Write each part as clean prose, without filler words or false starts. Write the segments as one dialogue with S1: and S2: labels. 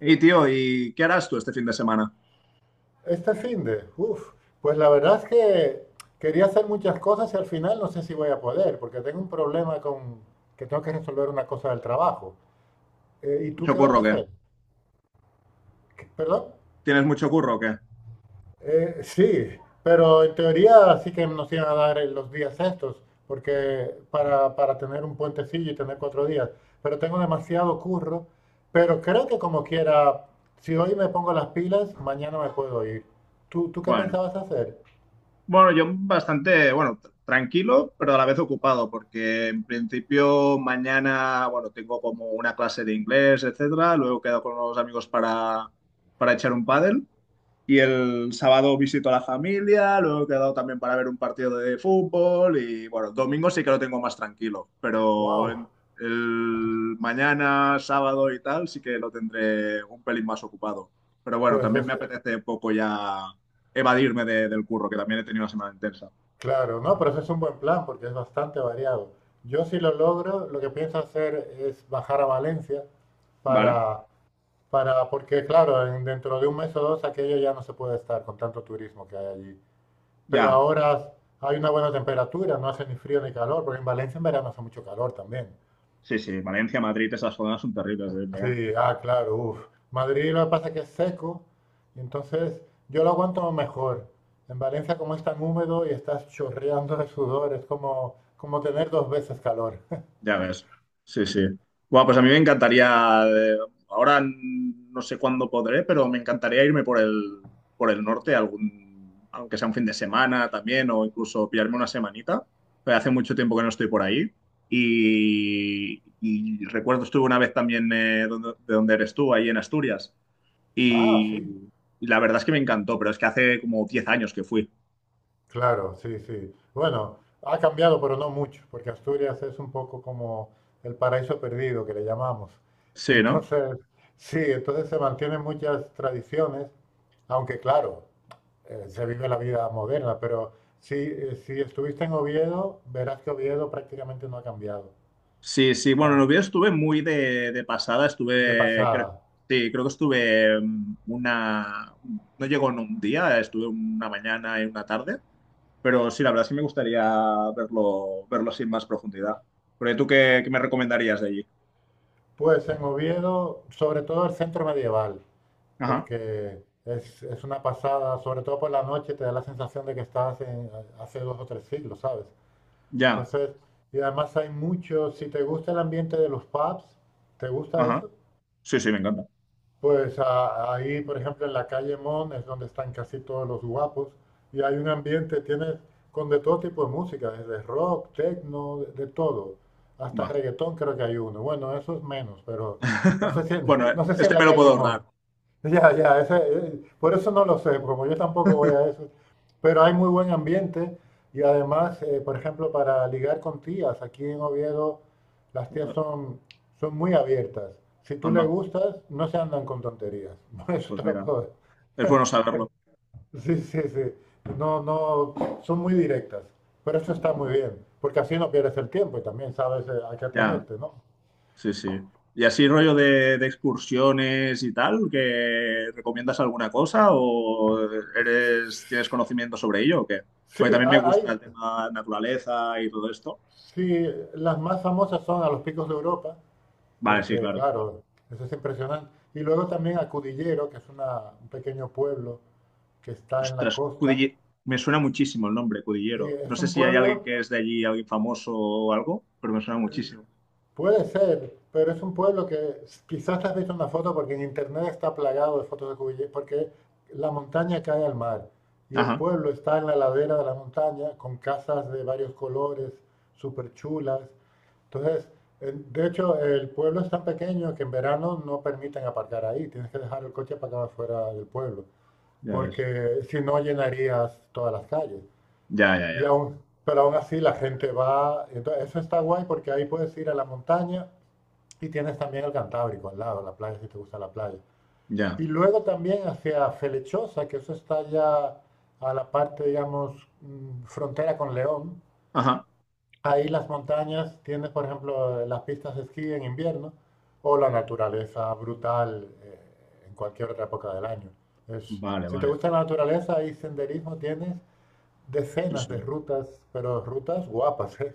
S1: Y tío, ¿y qué harás tú este fin de semana?
S2: Este finde, uff, pues la verdad es que quería hacer muchas cosas y al final no sé si voy a poder, porque tengo un problema con que tengo que resolver una cosa del trabajo. ¿Y tú
S1: ¿Mucho
S2: qué vas
S1: curro
S2: a
S1: o qué?
S2: hacer? ¿Perdón?
S1: ¿Tienes mucho curro o qué?
S2: Sí, pero en teoría sí que nos iban a dar los días estos, porque para tener un puentecillo y tener 4 días, pero tengo demasiado curro, pero creo que como quiera, si hoy me pongo las pilas, mañana me puedo ir. ¿Tú qué
S1: Bueno,
S2: pensabas hacer?
S1: bueno, yo bastante, bueno, tranquilo, pero a la vez ocupado, porque en principio mañana, bueno, tengo como una clase de inglés, etcétera. Luego quedo con los amigos para echar un pádel. Y el sábado visito a la familia, luego he quedado también para ver un partido de fútbol y bueno, domingo sí que lo tengo más tranquilo,
S2: Wow,
S1: el mañana, sábado y tal sí que lo tendré un pelín más ocupado. Pero bueno,
S2: pues.
S1: también me apetece un poco ya evadirme del curro, que también he tenido una semana intensa.
S2: Claro, no, pero ese es un buen plan porque es bastante variado. Yo si lo logro, lo que pienso hacer es bajar a Valencia
S1: ¿Vale?
S2: para, porque claro, dentro de un mes o dos aquello ya no se puede estar con tanto turismo que hay allí. Pero
S1: Ya.
S2: ahora hay una buena temperatura, no hace ni frío ni calor, porque en Valencia en verano hace mucho calor también.
S1: Sí, sí, Valencia, Madrid, esas zonas son terribles, ¿eh?
S2: Sí, ah, claro, uff. Madrid lo que pasa es que es seco, y entonces yo lo aguanto mejor. En Valencia, como es tan húmedo y estás chorreando de sudor, es como tener dos veces calor.
S1: Ya ves. Sí, sí. Bueno, pues a mí me encantaría, eh, ahora no sé cuándo podré, pero me encantaría irme por el norte, algún, aunque sea un fin de semana también, o incluso pillarme una semanita. Pero hace mucho tiempo que no estoy por ahí. Y recuerdo, estuve una vez también de donde eres tú, ahí en Asturias.
S2: Ah, sí,
S1: Y, y la verdad es que me encantó, pero es que hace como 10 años que fui.
S2: claro, sí, sí. Bueno, ha cambiado, pero no mucho, porque Asturias es un poco como el paraíso perdido que le llamamos. Y
S1: Sí, ¿no?
S2: entonces, sí, entonces se mantienen muchas tradiciones, aunque claro, se vive la vida moderna, pero si estuviste en Oviedo, verás que Oviedo prácticamente no ha cambiado,
S1: Sí, sí, bueno, en
S2: está
S1: Oviedo estuve muy de pasada,
S2: de
S1: estuve, creo,
S2: pasada.
S1: sí, creo que estuve no llegó en un día, estuve una mañana y una tarde, pero sí, la verdad sí me gustaría verlo, verlo sin más profundidad. Porque tú, ¿qué me recomendarías de allí?
S2: Pues en Oviedo, sobre todo el centro medieval,
S1: Ajá,
S2: porque es una pasada, sobre todo por la noche te da la sensación de que estás hace 2 o 3 siglos, ¿sabes?
S1: ya,
S2: Entonces, y además hay mucho, si te gusta el ambiente de los pubs, ¿te gusta
S1: ajá,
S2: eso?
S1: sí, sí, me encanta,
S2: Pues ahí, por ejemplo, en la calle Mon es donde están casi todos los guapos y hay un ambiente, tienes con de todo tipo de música, desde rock, techno, de todo, hasta
S1: va.
S2: reggaetón creo que hay uno. Bueno, eso es menos, pero no sé si en,
S1: Bueno,
S2: no sé si en
S1: este me
S2: la
S1: lo
S2: calle
S1: puedo
S2: Mon.
S1: ahorrar.
S2: Ya, ya, ese, por eso no lo sé, porque yo tampoco voy a eso. Pero hay muy buen ambiente y además, por ejemplo, para ligar con tías, aquí en Oviedo las tías
S1: Ostras,
S2: son, muy abiertas. Si tú le
S1: anda,
S2: gustas, no se andan con tonterías. Eso
S1: pues
S2: te lo
S1: mira,
S2: puedo decir.
S1: es bueno saberlo.
S2: Sí, sí, sí. No, no, son muy directas. Pero eso está muy bien, porque así no pierdes el tiempo y también sabes a qué
S1: Ya.
S2: atenderte, ¿no?
S1: Sí, sí. ¿Y así rollo de excursiones y tal? ¿Que recomiendas alguna cosa o eres, tienes conocimiento sobre ello o qué?
S2: Sí,
S1: Porque también me
S2: hay,
S1: gusta el tema naturaleza y todo esto.
S2: sí, las más famosas son a los picos de Europa.
S1: Vale, sí,
S2: Porque
S1: claro.
S2: claro, eso es impresionante. Y luego también a Cudillero, que es un pequeño pueblo que está en la
S1: Ostras,
S2: costa.
S1: Me suena muchísimo el nombre,
S2: Sí,
S1: Cudillero. No
S2: es
S1: sé
S2: un
S1: si hay alguien
S2: pueblo,
S1: que es de allí, alguien famoso o algo, pero me suena muchísimo.
S2: puede ser, pero es un pueblo que quizás te has visto una foto porque en internet está plagado de fotos de Cudillero, porque la montaña cae al mar y el
S1: Ajá,
S2: pueblo está en la ladera de la montaña con casas de varios colores, súper chulas. Entonces, de hecho, el pueblo es tan pequeño que en verano no permiten aparcar ahí, tienes que dejar el coche para acá afuera del pueblo,
S1: ya ves.
S2: porque si no llenarías todas las calles.
S1: Ya, ya, ya.
S2: Pero aún así la gente va, entonces eso está guay porque ahí puedes ir a la montaña y tienes también el Cantábrico al lado, la playa, si te gusta la playa. Y
S1: Ya.
S2: luego también hacia Felechosa, que eso está ya a la parte, digamos, frontera con León.
S1: Ajá.
S2: Ahí las montañas, tienes por ejemplo las pistas de esquí en invierno o la naturaleza brutal en cualquier otra época del año.
S1: Vale,
S2: Si te
S1: vale.
S2: gusta la naturaleza, ahí senderismo tienes
S1: Sí,
S2: decenas de
S1: sí.
S2: rutas, pero rutas guapas, ¿eh?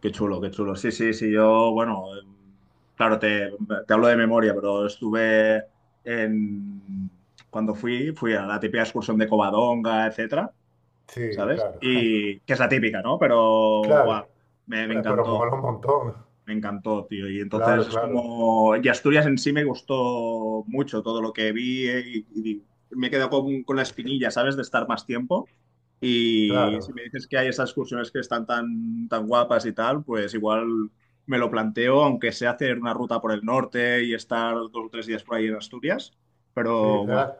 S1: Qué chulo, qué chulo. Sí, sí, sí, yo, bueno, claro, te hablo de memoria, pero estuve en... Cuando fui, fui a la típica excursión de Covadonga, etcétera,
S2: Sí,
S1: ¿sabes?
S2: claro,
S1: Y que es la típica, ¿no? Pero, guau,
S2: claro,
S1: me
S2: Pero
S1: encantó.
S2: mola un montón,
S1: Me encantó, tío. Y entonces
S2: claro,
S1: es
S2: claro,
S1: como. Y Asturias en sí me gustó mucho todo lo que vi y me he quedado con la espinilla, ¿sabes? De estar más tiempo. Y si
S2: claro,
S1: me dices que hay esas excursiones que están tan guapas y tal, pues igual me lo planteo, aunque sea hacer una ruta por el norte y estar 2 o 3 días por ahí en Asturias.
S2: sí,
S1: Pero, buah,
S2: serás,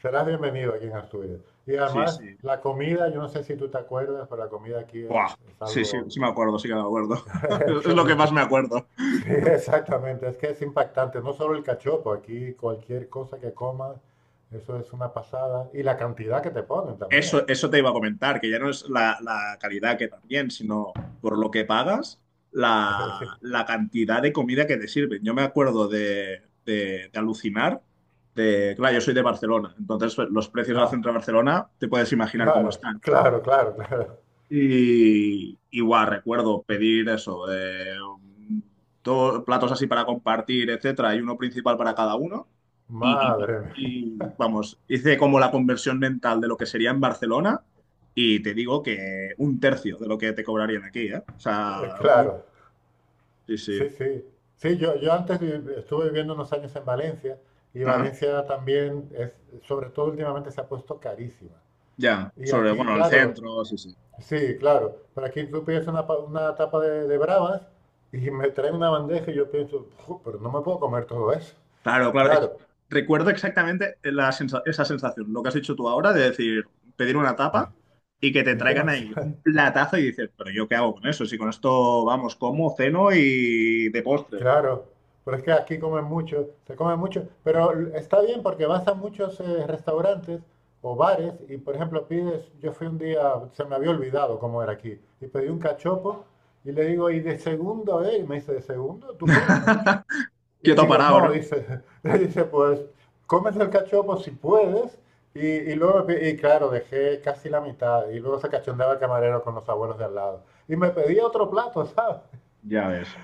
S2: serás bienvenido aquí en Asturias. Y
S1: sí,
S2: además,
S1: sí.
S2: la comida, yo no sé si tú te acuerdas, pero la comida aquí es,
S1: Buah,
S2: es
S1: sí, sí,
S2: algo
S1: sí me acuerdo, sí que me acuerdo. Es lo que más
S2: excelente.
S1: me acuerdo.
S2: Sí, exactamente, es que es impactante, no solo el cachopo, aquí cualquier cosa que comas, eso es una pasada, y la cantidad que te ponen también.
S1: Eso te iba a comentar, que ya no es la calidad que también, sino por lo que pagas,
S2: Sí.
S1: la cantidad de comida que te sirven. Yo me acuerdo de alucinar, de, claro, yo soy de Barcelona, entonces pues, los precios del
S2: Ah,
S1: centro de Barcelona, te puedes imaginar cómo
S2: claro,
S1: están.
S2: claro, claro, claro.
S1: Y igual recuerdo pedir eso, dos platos así para compartir, etcétera, y uno principal para cada uno. Y, y-
S2: Madre mía,
S1: vamos, hice como la conversión mental de lo que sería en Barcelona y te digo que un tercio de lo que te cobrarían aquí, ¿eh? O sea, muy...
S2: claro,
S1: Sí, sí.
S2: sí, sí. Sí, yo antes estuve viviendo unos años en Valencia y
S1: Ajá.
S2: Valencia también es, sobre todo últimamente se ha puesto carísima.
S1: Ya,
S2: Y
S1: sobre,
S2: aquí,
S1: bueno, el
S2: claro,
S1: centro, sí, sí.
S2: sí, claro, pero aquí tú pides una tapa de bravas y me traen una bandeja y yo pienso, "Ju, pero no me puedo comer todo eso.
S1: Claro, claro. Es que
S2: Claro,
S1: recuerdo exactamente esa sensación, lo que has hecho tú ahora, de decir, pedir una tapa y que te
S2: es
S1: traigan ahí un
S2: demasiado.
S1: platazo y dices, pero ¿yo qué hago con eso? Si con esto, vamos, como, ceno y de postre.
S2: Claro, pero es que aquí comen mucho, se come mucho, pero está bien porque vas a muchos restaurantes o bares y, por ejemplo, pides, yo fui un día, se me había olvidado cómo era aquí, y pedí un cachopo y le digo, ¿y de segundo? A él? Y me dice, ¿de segundo? ¿Tú comes mucho? Y
S1: Quieto
S2: digo,
S1: parado,
S2: no,
S1: ¿no?
S2: dice, le dice, pues, comes el cachopo si puedes. Y luego, y claro, dejé casi la mitad y luego se cachondeaba el camarero con los abuelos de al lado. Y me pedía otro plato, ¿sabes?
S1: Ya ves.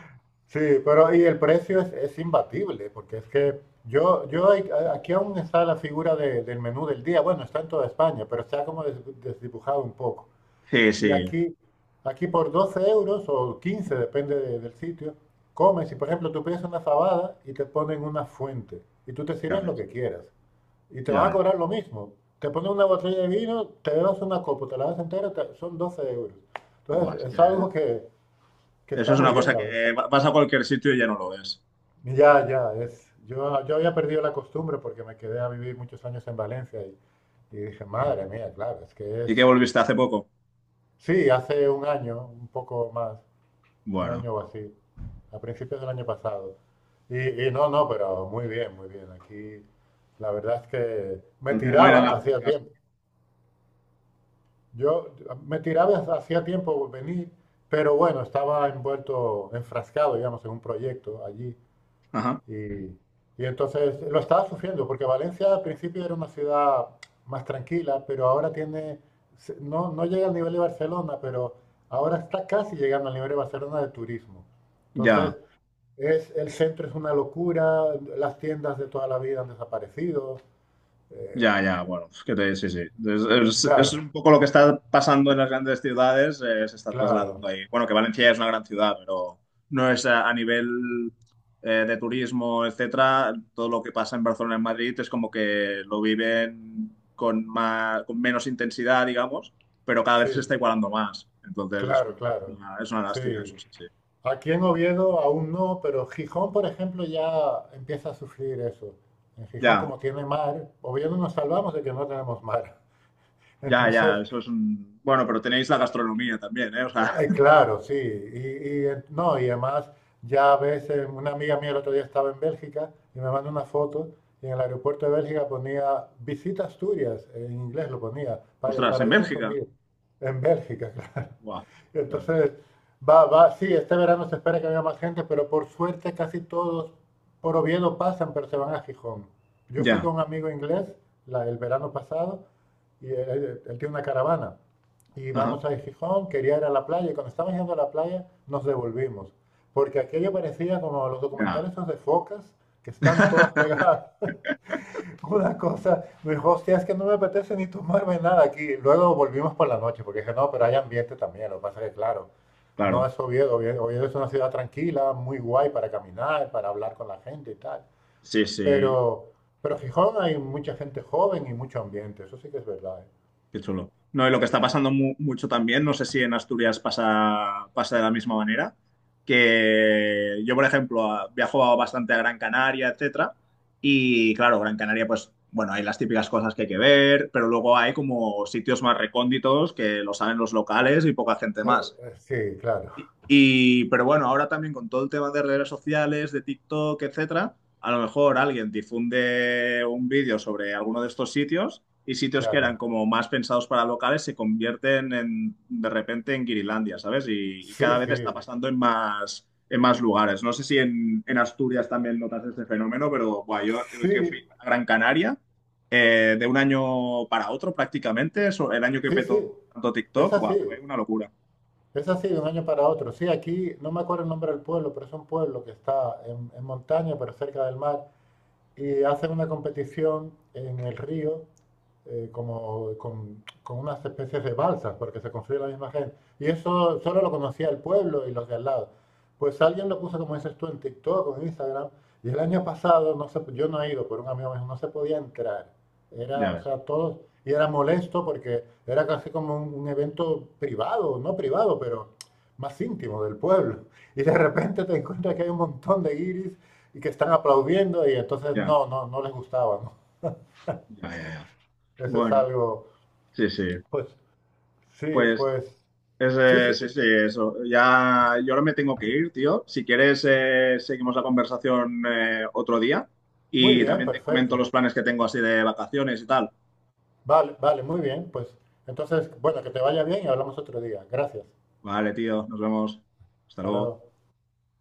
S2: Sí, pero y el precio es imbatible, porque es que yo aquí aún está la figura del menú del día. Bueno, está en toda España, pero está como desdibujado un poco.
S1: Sí,
S2: Y
S1: sí,
S2: aquí por 12 euros o 15, depende del sitio, comes y por ejemplo tú pides una fabada y te ponen una fuente y tú te
S1: ya
S2: sirves lo
S1: ves,
S2: que quieras. Y te
S1: ya
S2: van a
S1: ves.
S2: cobrar lo mismo. Te ponen una botella de vino, te bebas una copa, te la das entera, son 12 euros. Entonces
S1: Buah, es
S2: es
S1: que
S2: algo que
S1: eso
S2: está
S1: es
S2: muy
S1: una
S2: bien,
S1: cosa
S2: la verdad.
S1: que vas a cualquier sitio y ya no lo ves.
S2: Ya, ya, es. Yo había perdido la costumbre porque me quedé a vivir muchos años en Valencia y, dije, madre mía, claro, es que
S1: ¿Y qué
S2: es.
S1: volviste hace poco?
S2: Sí, hace un año, un poco más, un
S1: Bueno,
S2: año o así, a principios del año pasado. Y no, no, pero muy bien, muy bien. Aquí la verdad es que me
S1: al final no hay
S2: tiraba
S1: nada en
S2: hacía
S1: casa.
S2: tiempo. Yo me tiraba hacía tiempo venir, pero bueno, estaba envuelto, enfrascado, digamos, en un proyecto allí.
S1: Ajá,
S2: Y, y entonces lo estaba sufriendo, porque Valencia al principio era una ciudad más tranquila, pero ahora tiene, no, no llega al nivel de Barcelona, pero ahora está casi llegando al nivel de Barcelona de turismo. Entonces,
S1: ya.
S2: el centro es una locura, las tiendas de toda la vida han desaparecido. eh,
S1: Ya, ya, bueno, es que sí, sí. Es, es
S2: claro,
S1: un poco lo que está pasando en las grandes ciudades, se está trasladando
S2: claro,
S1: ahí. Bueno, que Valencia es una gran ciudad, pero no es a nivel de turismo, etcétera. Todo lo que pasa en Barcelona, en Madrid, es como que lo viven con más, con menos intensidad, digamos, pero cada vez se
S2: sí,
S1: está igualando más. Entonces
S2: claro, claro,
S1: es una lástima,
S2: sí.
S1: eso sí, sí.
S2: Aquí en Oviedo aún no, pero Gijón, por ejemplo, ya empieza a sufrir eso. En Gijón,
S1: Ya,
S2: como tiene mar, Oviedo nos salvamos de que no tenemos mar.
S1: ya,
S2: Entonces,
S1: ya, eso es un... Bueno, pero tenéis la gastronomía también, ¿eh? O sea,
S2: claro, sí. Y, no, y además, ya a veces, una amiga mía el otro día estaba en Bélgica y me mandó una foto y en el aeropuerto de Bélgica ponía visita Asturias, en inglés lo ponía, para el
S1: ostras, en
S2: paraíso
S1: Bélgica.
S2: escondido, en Bélgica, claro.
S1: Guau, ya ves.
S2: Entonces, va, va, sí, este verano se espera que haya más gente, pero por suerte casi todos por Oviedo pasan, pero se van a Gijón. Yo fui
S1: Ya,
S2: con un amigo inglés el verano pasado y él tiene una caravana. Y
S1: ajá,
S2: vamos a Gijón, quería ir a la playa y cuando estábamos yendo a la playa nos devolvimos. Porque aquello parecía como los
S1: ya.
S2: documentales esos de focas que están todas pegadas una cosa, me dijo, hostia, es que no me apetece ni tomarme nada aquí. Luego volvimos por la noche, porque dije, no, pero hay ambiente también. Lo que pasa es que, claro, no
S1: Claro,
S2: es Oviedo. Oviedo es una ciudad tranquila, muy guay para caminar, para hablar con la gente y tal.
S1: sí, sí,
S2: Pero, pero Gijón hay mucha gente joven y mucho ambiente, eso sí que es verdad, ¿eh?
S1: qué chulo. No, y lo que está pasando mucho también, no sé si en Asturias pasa, pasa de la misma manera, que yo, por ejemplo, viajo bastante a Gran Canaria, etcétera, y claro, Gran Canaria, pues, bueno, hay las típicas cosas que hay que ver, pero luego hay como sitios más recónditos que lo saben los locales y poca gente más.
S2: Sí, claro,
S1: Pero bueno, ahora también con todo el tema de redes sociales, de TikTok, etcétera, a lo mejor alguien difunde un vídeo sobre alguno de estos sitios y sitios que
S2: claro.
S1: eran como más pensados para locales se convierten en, de repente en Guirilandia, ¿sabes? Y
S2: Sí,
S1: cada vez
S2: sí,
S1: está pasando en más lugares. No sé si en Asturias también notas este fenómeno, pero buah, yo que fui
S2: sí,
S1: a Gran Canaria, de un año para otro prácticamente, eso, el año que
S2: sí, sí,
S1: petó tanto
S2: es
S1: TikTok, buah,
S2: así.
S1: fue una locura.
S2: Es así de un año para otro. Sí, aquí no me acuerdo el nombre del pueblo, pero es un pueblo que está en montaña, pero cerca del mar y hacen una competición en el río como, con unas especies de balsas, porque se construye la misma gente. Y eso solo lo conocía el pueblo y los de al lado. Pues alguien lo puso, como dices tú, en TikTok o en Instagram, y el año pasado, yo no he ido, pero un amigo me dijo, no se podía entrar. Era,
S1: Ya
S2: o
S1: ves,
S2: sea, todos, y era molesto porque era casi como un evento privado, no privado, pero más íntimo del pueblo. Y de repente te encuentras que hay un montón de guiris y que están aplaudiendo y entonces
S1: ya.
S2: no, no, no les gustaba, ¿no?
S1: Ya, ya, ya.
S2: Eso es
S1: Bueno,
S2: algo,
S1: sí, sí.
S2: pues sí,
S1: Pues
S2: pues sí,
S1: ese,
S2: sí,
S1: sí, sí, eso. Ya, yo ahora me tengo que ir, tío. Si quieres, seguimos la conversación otro día
S2: muy
S1: y
S2: bien,
S1: también te comento
S2: perfecto.
S1: los planes que tengo así de vacaciones y tal.
S2: Vale, vale, muy bien, pues entonces, bueno, que te vaya bien y hablamos otro día. Gracias.
S1: Vale, tío, nos vemos. Hasta
S2: Hasta
S1: luego.
S2: luego.